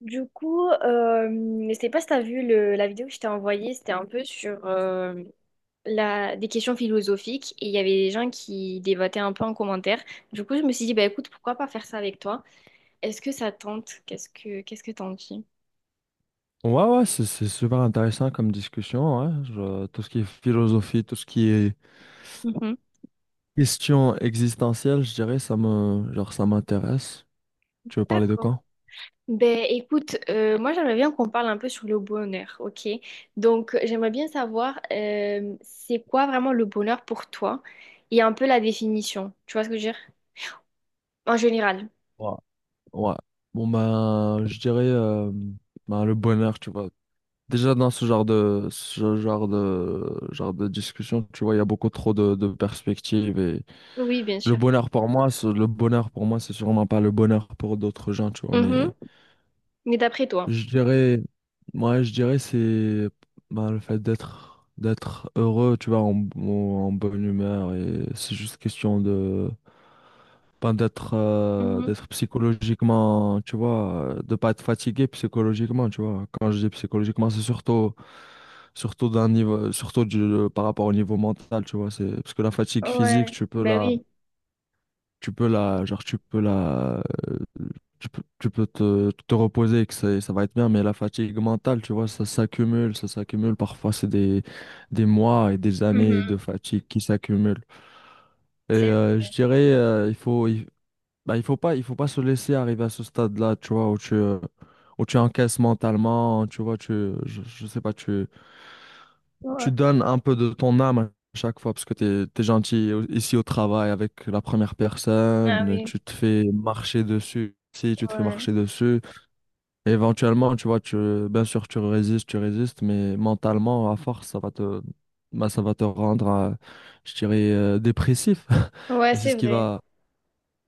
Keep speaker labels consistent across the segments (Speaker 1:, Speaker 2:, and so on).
Speaker 1: Du coup, je sais pas si t'as vu la vidéo que je t'ai envoyée, c'était un peu sur des questions philosophiques et il y avait des gens qui débattaient un peu en commentaire. Du coup, je me suis dit, bah écoute, pourquoi pas faire ça avec toi? Est-ce que ça tente? Qu'est-ce que t'en dis?
Speaker 2: Ouais, ouais, c'est super intéressant comme discussion. Ouais. Je- tout ce qui est philosophie, tout ce qui est
Speaker 1: Mhm.
Speaker 2: question existentielle, je dirais, ça me, genre, ça m'intéresse. Tu veux parler de
Speaker 1: D'accord.
Speaker 2: quoi?
Speaker 1: Ben écoute, moi j'aimerais bien qu'on parle un peu sur le bonheur, ok? Donc j'aimerais bien savoir c'est quoi vraiment le bonheur pour toi et un peu la définition. Tu vois ce que je veux dire? En général.
Speaker 2: Ouais. Ouais. Bon, ben, je dirais ben, le bonheur, tu vois. Déjà, dans genre de discussion, tu vois, il y a beaucoup trop de perspectives. Et
Speaker 1: Oui, bien sûr.
Speaker 2: le bonheur pour moi, c'est sûrement pas le bonheur pour d'autres gens, tu vois, mais.
Speaker 1: Mais d'après toi.
Speaker 2: Je dirais, moi, je dirais c'est bah, le fait d'être heureux, tu vois, en bonne humeur, et c'est juste question de ben,
Speaker 1: Mhm.
Speaker 2: d'être psychologiquement, tu vois, de pas être fatigué psychologiquement, tu vois. Quand je dis psychologiquement, c'est surtout d'un niveau surtout du, par rapport au niveau mental, tu vois, c'est parce que la fatigue physique,
Speaker 1: Ouais,
Speaker 2: tu
Speaker 1: ben oui.
Speaker 2: tu peux la, euh, tu tu peux te, te reposer et que ça va être bien, mais la fatigue mentale, tu vois, ça s'accumule. Parfois, c'est des mois et des années de
Speaker 1: Mhm.
Speaker 2: fatigue qui s'accumulent. Et
Speaker 1: C'est...
Speaker 2: je dirais, bah, il faut pas se laisser arriver à ce stade-là, tu vois, où où tu encaisses mentalement, tu vois, je sais pas, tu,
Speaker 1: Ouais.
Speaker 2: tu donnes un peu de ton âme à chaque fois parce que t'es gentil ici au travail avec la première
Speaker 1: Ah
Speaker 2: personne,
Speaker 1: oui,
Speaker 2: tu te fais marcher dessus. Si tu te fais
Speaker 1: ouais,
Speaker 2: marcher dessus, éventuellement, tu vois, tu, bien sûr, tu résistes, mais mentalement, à force, bah, ça va te rendre, je dirais, dépressif.
Speaker 1: ouais,
Speaker 2: Et
Speaker 1: c'est vrai.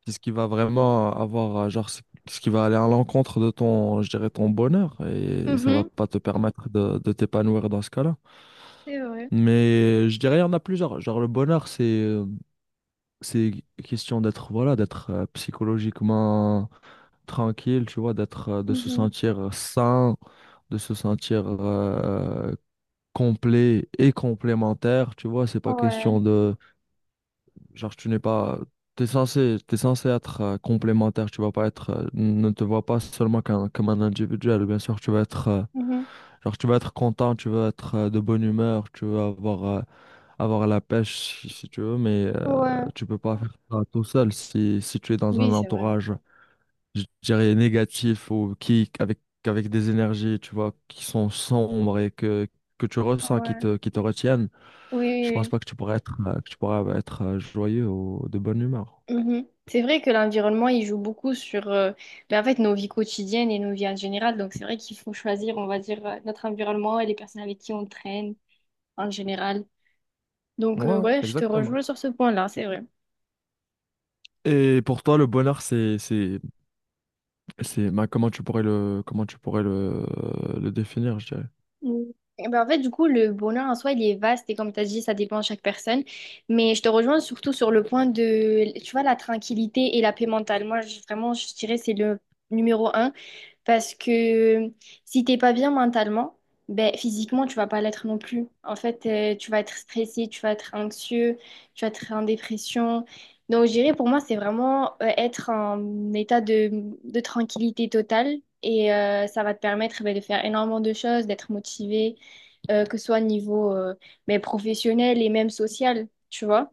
Speaker 2: c'est ce qui va vraiment avoir, ce qui va aller à l'encontre de ton, je dirais, ton bonheur. Et ça va
Speaker 1: Mhm.
Speaker 2: pas te permettre de t'épanouir dans ce cas-là.
Speaker 1: C'est vrai.
Speaker 2: Mais je dirais, il y en a plusieurs. Genre, le bonheur, c'est question d'être voilà, d'être psychologiquement tranquille, tu vois, d'être de se
Speaker 1: Mhm.
Speaker 2: sentir sain, de se sentir complet et complémentaire, tu vois, c'est pas
Speaker 1: Ouais,
Speaker 2: question de genre tu n'es pas t'es censé être complémentaire, tu vas pas être ne te vois pas seulement qu'un comme un individuel, bien sûr, tu vas être
Speaker 1: mhm,
Speaker 2: genre tu vas être content, tu vas être de bonne humeur, tu vas avoir avoir la pêche si, si tu veux, mais
Speaker 1: ouais,
Speaker 2: tu peux pas faire ça tout seul si, si tu es dans un
Speaker 1: oui, c'est vrai,
Speaker 2: entourage, je dirais négatif ou qui avec avec des énergies, tu vois, qui sont sombres et que que tu ressens qui
Speaker 1: ouais,
Speaker 2: te qui te retiennent,
Speaker 1: oui,
Speaker 2: je pense
Speaker 1: oui,
Speaker 2: pas que tu pourrais être joyeux ou de bonne humeur.
Speaker 1: oui. Mhm. C'est vrai que l'environnement, il joue beaucoup sur ben, en fait, nos vies quotidiennes et nos vies en général. Donc, c'est vrai qu'il faut choisir, on va dire, notre environnement et les personnes avec qui on traîne en général. Donc,
Speaker 2: Ouais, ouais,
Speaker 1: ouais, je te
Speaker 2: exactement.
Speaker 1: rejoins sur ce point-là, c'est vrai.
Speaker 2: Et pour toi, le bonheur, c'est bah, comment tu pourrais le définir, je dirais.
Speaker 1: Mm. Eh ben, en fait, du coup, le bonheur en soi, il est vaste et comme tu as dit, ça dépend de chaque personne. Mais je te rejoins surtout sur le point de, tu vois, la tranquillité et la paix mentale. Moi, vraiment, je dirais, c'est le numéro un. Parce que si t'es pas bien mentalement, ben, physiquement, tu vas pas l'être non plus. En fait, tu vas être stressé, tu vas être anxieux, tu vas être en dépression. Donc, je dirais, pour moi, c'est vraiment être en état de tranquillité totale. Et ça va te permettre ben, de faire énormément de choses, d'être motivé, que ce soit au niveau ben, professionnel et même social, tu vois.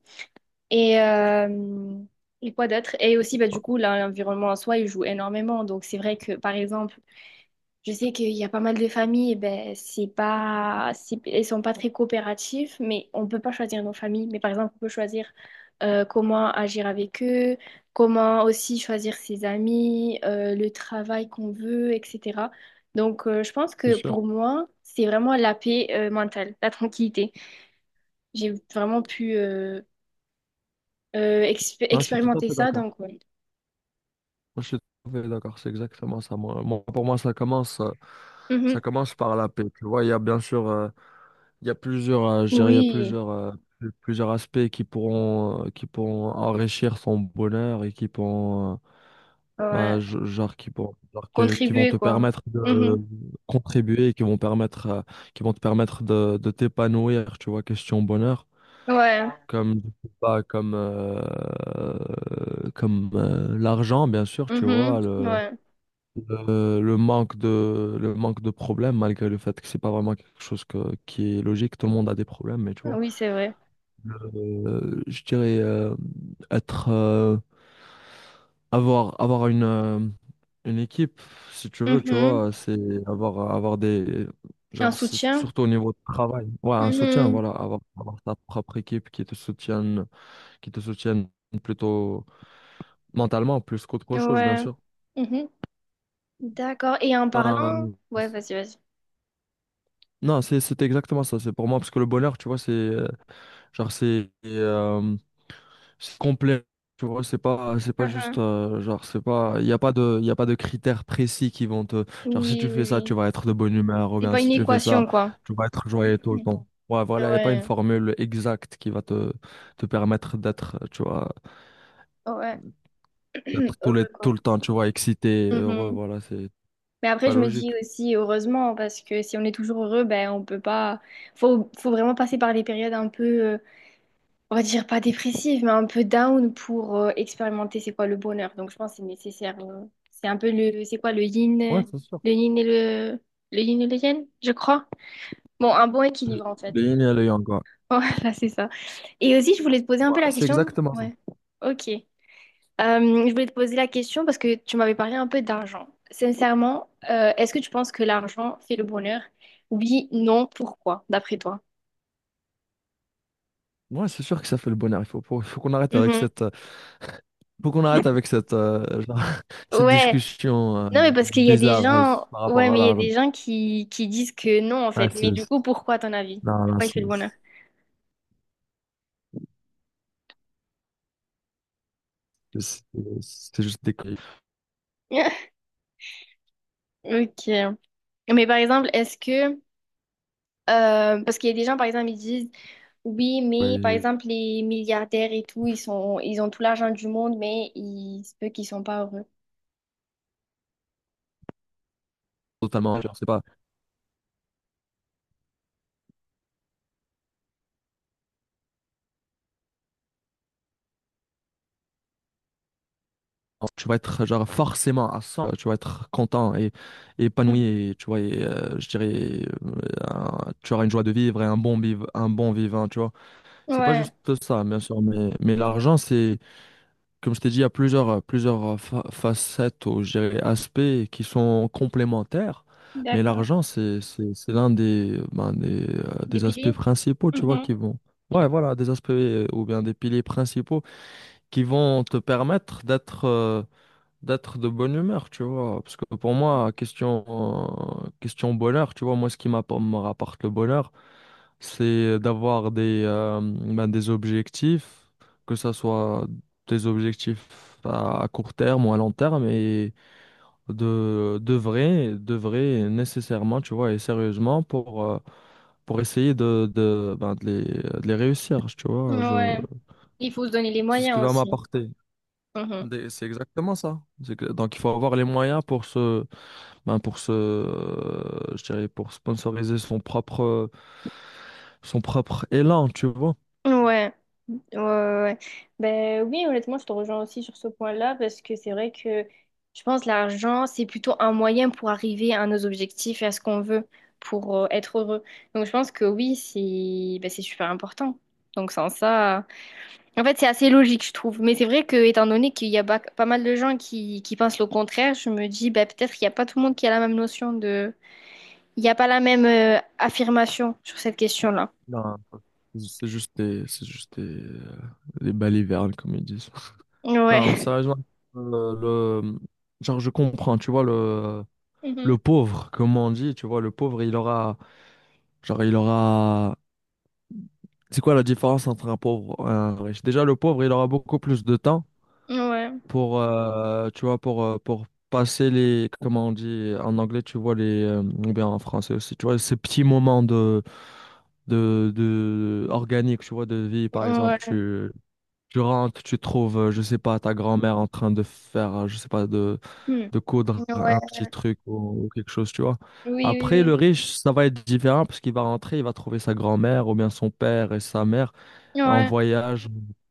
Speaker 1: Et, euh, et quoi d'autre? Et aussi, bah, du coup, là, l'environnement en soi, il joue énormément. Donc, c'est vrai que, par exemple, je sais qu'il y a pas mal de familles, ben, c'est- elles sont pas très coopératives, mais on peut pas choisir nos familles. Mais par exemple, on peut choisir comment agir avec eux, comment aussi choisir ses amis, le travail qu'on veut, etc. Donc, je pense
Speaker 2: C'est
Speaker 1: que
Speaker 2: sûr.
Speaker 1: pour moi, c'est vraiment la paix mentale, la tranquillité. J'ai vraiment pu
Speaker 2: Non, je suis tout à
Speaker 1: expérimenter
Speaker 2: fait
Speaker 1: ça,
Speaker 2: d'accord.
Speaker 1: donc ouais.
Speaker 2: Je suis tout à fait d'accord, c'est exactement ça. Moi, pour moi, ça
Speaker 1: Mhm.
Speaker 2: commence par la paix. Tu vois, il y a bien sûr, il y a plusieurs, je dirais, il y a
Speaker 1: Oui,
Speaker 2: plusieurs, plusieurs aspects qui pourront enrichir son bonheur et qui pourront,
Speaker 1: ouais.
Speaker 2: qui vont
Speaker 1: Contribuer,
Speaker 2: te
Speaker 1: quoi.
Speaker 2: permettre de
Speaker 1: Mhm.
Speaker 2: contribuer, et qui vont permettre, qui vont te permettre de t'épanouir. Tu vois, question bonheur,
Speaker 1: Ouais.
Speaker 2: comme, je sais pas, comme l'argent, bien sûr. Tu
Speaker 1: Mhm.
Speaker 2: vois
Speaker 1: Ouais.
Speaker 2: le le manque de problèmes, malgré le fait que c'est pas vraiment quelque chose qui est logique. Tout le monde a des problèmes, mais tu vois.
Speaker 1: Oui, c'est vrai.
Speaker 2: Je dirais être, euh, avoir, une équipe, si tu veux, tu
Speaker 1: Mhm.
Speaker 2: vois, c'est avoir, avoir des,
Speaker 1: Un
Speaker 2: genre, c'est
Speaker 1: soutien.
Speaker 2: surtout au niveau de travail. Ouais, un soutien,
Speaker 1: Mhm.
Speaker 2: voilà, avoir, avoir ta propre équipe qui te soutienne plutôt mentalement, plus qu'autre chose, bien
Speaker 1: Ouais.
Speaker 2: sûr.
Speaker 1: Mhm. D'accord. Et en parlant,
Speaker 2: Euh,
Speaker 1: ouais, vas-y, vas-y.
Speaker 2: Non, c'est exactement ça. C'est pour moi parce que le bonheur, tu vois, genre c'est euh, c'est complet. Tu vois, c'est pas juste
Speaker 1: Mhm.
Speaker 2: genre c'est pas il y a pas de critères précis qui vont te genre si
Speaker 1: Oui,
Speaker 2: tu
Speaker 1: oui,
Speaker 2: fais ça,
Speaker 1: oui.
Speaker 2: tu vas être de bonne humeur ou
Speaker 1: C'est
Speaker 2: bien
Speaker 1: pas
Speaker 2: si
Speaker 1: une
Speaker 2: tu fais ça,
Speaker 1: équation, quoi.
Speaker 2: tu vas être joyeux tout le
Speaker 1: Mhm.
Speaker 2: temps. Ouais, voilà, il n'y a pas une
Speaker 1: Ouais,
Speaker 2: formule exacte qui va te te permettre d'être tu vois
Speaker 1: ouais.
Speaker 2: d'être tout le
Speaker 1: Heureux,
Speaker 2: tout
Speaker 1: quoi.
Speaker 2: le temps, tu vois, excité, heureux,
Speaker 1: Mhm.
Speaker 2: voilà, c'est
Speaker 1: Mais après,
Speaker 2: pas
Speaker 1: je me
Speaker 2: logique.
Speaker 1: dis aussi heureusement, parce que si on est toujours heureux, ben on peut pas. Faut vraiment passer par des périodes un peu. On va dire pas dépressive, mais un peu down pour expérimenter c'est quoi le bonheur. Donc je pense que c'est nécessaire. C'est un peu le, c'est quoi
Speaker 2: Ouais, c'est sûr.
Speaker 1: le yin et le yin et le yang, je crois. Bon, un bon
Speaker 2: Le
Speaker 1: équilibre en
Speaker 2: le
Speaker 1: fait.
Speaker 2: yin et le yang, quoi.
Speaker 1: Voilà, c'est ça. Et aussi, je voulais te poser un
Speaker 2: Ouais,
Speaker 1: peu la
Speaker 2: c'est
Speaker 1: question.
Speaker 2: exactement ça.
Speaker 1: Ouais. Ok. Je voulais te poser la question parce que tu m'avais parlé un peu d'argent. Sincèrement, est-ce que tu penses que l'argent fait le bonheur? Oui, non, pourquoi, d'après toi?
Speaker 2: Ouais, c'est sûr que ça fait le bonheur. Il faut, faut qu'on arrête avec
Speaker 1: Mhm.
Speaker 2: cette, faut qu'on arrête avec cette, cette
Speaker 1: Ouais,
Speaker 2: discussion
Speaker 1: non, mais parce qu'il y a des
Speaker 2: bizarre
Speaker 1: gens,
Speaker 2: par
Speaker 1: ouais,
Speaker 2: rapport à
Speaker 1: mais il y a
Speaker 2: l'argent.
Speaker 1: des gens qui disent que non, en
Speaker 2: Ouais,
Speaker 1: fait. Mais
Speaker 2: c'est,
Speaker 1: du
Speaker 2: c'est-
Speaker 1: coup, pourquoi, à ton avis?
Speaker 2: non, non,
Speaker 1: Pourquoi il fait le bonheur?
Speaker 2: c'est- c'est juste des conneries.
Speaker 1: Ok. Mais par exemple, est-ce que, parce qu'il y a des gens, par exemple, ils disent, oui, mais par
Speaker 2: Ouais,
Speaker 1: exemple, les milliardaires et tout, ils ont tout l'argent du monde, mais ils se peut qu'ils sont pas heureux.
Speaker 2: totalement, genre, c'est pas, tu vas être genre forcément à 100, tu vas être content et
Speaker 1: Mhm.
Speaker 2: épanoui, et, tu vois, et, je dirais, tu auras une joie de vivre et un bon vivant, tu vois. C'est pas
Speaker 1: Ouais,
Speaker 2: juste ça, bien sûr, mais l'argent, c'est. Comme je t'ai dit, il y a plusieurs, plusieurs facettes ou je dirais, aspects qui sont complémentaires, mais
Speaker 1: d'accord.
Speaker 2: l'argent, c'est l'un des, ben,
Speaker 1: Des
Speaker 2: des aspects
Speaker 1: piliers?
Speaker 2: principaux, tu vois,
Speaker 1: Mhm.
Speaker 2: qui vont... Ouais, voilà, des aspects ou bien des piliers principaux qui vont te permettre d'être d'être de bonne humeur, tu vois. Parce que pour moi, question bonheur, tu vois, moi, me rapporte le bonheur, c'est d'avoir des, ben, des objectifs, que ça soit des objectifs à court terme ou à long terme, et de, de vrai nécessairement, tu vois, et sérieusement pour essayer de, ben, de les réussir, tu vois.
Speaker 1: Ouais. Il faut se donner les
Speaker 2: C'est ce qui
Speaker 1: moyens
Speaker 2: va
Speaker 1: aussi.
Speaker 2: m'apporter.
Speaker 1: Mhm.
Speaker 2: C'est exactement ça. Donc il faut avoir les moyens pour se, ben, pour se, je dirais, pour sponsoriser son propre élan, tu vois.
Speaker 1: Ouais, ouais, ouais, ouais. Ben oui, honnêtement, je te rejoins aussi sur ce point-là parce que c'est vrai que je pense que l'argent, c'est plutôt un moyen pour arriver à nos objectifs et à ce qu'on veut pour être heureux. Donc je pense que oui, c'est ben, c'est super important. Donc sans ça, en fait, c'est assez logique, je trouve. Mais c'est vrai que étant donné qu'il y a pas mal de gens qui pensent le contraire, je me dis ben, peut-être qu'il n'y a pas tout le monde qui a la même notion de... Il n'y a pas la même affirmation sur cette question-là.
Speaker 2: Non, c'est juste des, des balivernes, comme ils disent. Non, mais
Speaker 1: Ouais.
Speaker 2: sérieusement, euh, le, genre, je comprends, tu vois,
Speaker 1: Mhm.
Speaker 2: le pauvre, comme on dit, tu vois, le pauvre, il aura, genre, il aura, c'est quoi la différence entre un pauvre et un riche? Déjà, le pauvre, il aura beaucoup plus de temps
Speaker 1: Ouais.
Speaker 2: pour, tu vois, pour passer les, comment on dit, en anglais, tu vois, ou bien en français aussi, tu vois, ces petits moments de, organique, tu vois, de vie, par exemple,
Speaker 1: Ouais.
Speaker 2: tu rentres, tu trouves, je sais pas, ta grand-mère en train de faire, je sais pas,
Speaker 1: Hmm.
Speaker 2: de coudre
Speaker 1: Ouais,
Speaker 2: un petit truc ou quelque chose, tu vois.
Speaker 1: oui,
Speaker 2: Après, le
Speaker 1: oui,
Speaker 2: riche, ça va être différent parce qu'il va rentrer, il va trouver sa grand-mère ou bien son père et sa mère
Speaker 1: oui.
Speaker 2: en
Speaker 1: Ouais,
Speaker 2: voyage,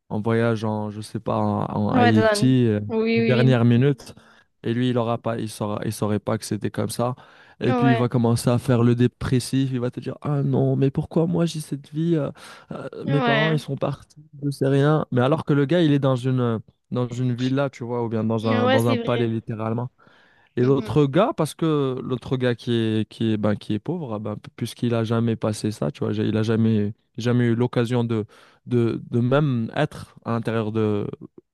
Speaker 2: en voyage en, je sais pas, en, en
Speaker 1: ouais, Dan.
Speaker 2: Haïti,
Speaker 1: Oui,
Speaker 2: de
Speaker 1: oui,
Speaker 2: dernière minute. Et lui, il aura pas, il saurait pas que c'était comme ça.
Speaker 1: oui.
Speaker 2: Et puis, il va
Speaker 1: Ouais,
Speaker 2: commencer à faire le dépressif. Il va te dire, Ah non, mais pourquoi moi j'ai cette vie? Mes parents, ils
Speaker 1: ouais,
Speaker 2: sont partis, je sais rien. Mais alors que le gars, il est dans une villa, tu vois, ou bien
Speaker 1: ouais,
Speaker 2: dans un
Speaker 1: c'est
Speaker 2: palais,
Speaker 1: vrai.
Speaker 2: littéralement. Et
Speaker 1: Mhm.
Speaker 2: l'autre gars, parce que l'autre gars qui est, ben, qui est pauvre, ah ben, puisqu'il a jamais passé ça, tu vois, j'ai- il a jamais, jamais eu l'occasion de, de même être à l'intérieur de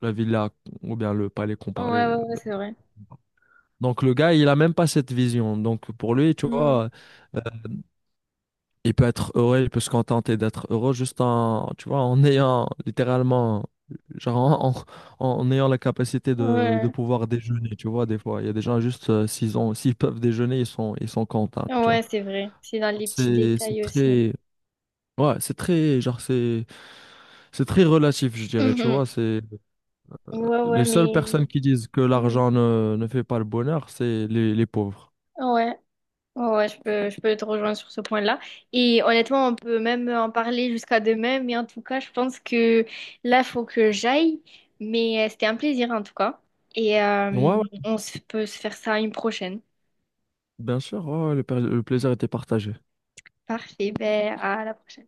Speaker 2: la villa ou bien le palais qu'on
Speaker 1: Ouais,
Speaker 2: parlait.
Speaker 1: ouais, ouais, c'est vrai.
Speaker 2: Donc le gars, il a même pas cette vision. Donc pour lui, tu
Speaker 1: Hmm.
Speaker 2: vois, il peut être heureux, il peut se contenter d'être heureux juste en, tu vois, en ayant littéralement, genre en, en ayant la capacité de
Speaker 1: Ouais,
Speaker 2: pouvoir déjeuner, tu vois, des fois. Il y a des gens juste, s'ils ont, s'ils peuvent déjeuner, ils sont contents, tu vois.
Speaker 1: ouais, c'est vrai. C'est dans les petits
Speaker 2: C'est, c'est
Speaker 1: détails aussi.
Speaker 2: très, ouais, c'est très, genre, c'est très relatif, je dirais, tu
Speaker 1: Mhm.
Speaker 2: vois. C'est
Speaker 1: Ouais,
Speaker 2: les
Speaker 1: ouais,
Speaker 2: seules
Speaker 1: mais.
Speaker 2: personnes qui disent que
Speaker 1: Mhm.
Speaker 2: l'argent ne fait pas le bonheur, c'est les pauvres.
Speaker 1: Ouais, ouais, ouais, je peux te rejoindre sur ce point-là. Et honnêtement, on peut même en parler jusqu'à demain, mais en tout cas, je pense que là, il faut que j'aille. Mais c'était un plaisir en tout cas. Et
Speaker 2: Ouais, ouais,
Speaker 1: peut se faire ça une prochaine.
Speaker 2: bien sûr, ouais, ouais, le plaisir était partagé.
Speaker 1: Parfait, ben, à la prochaine.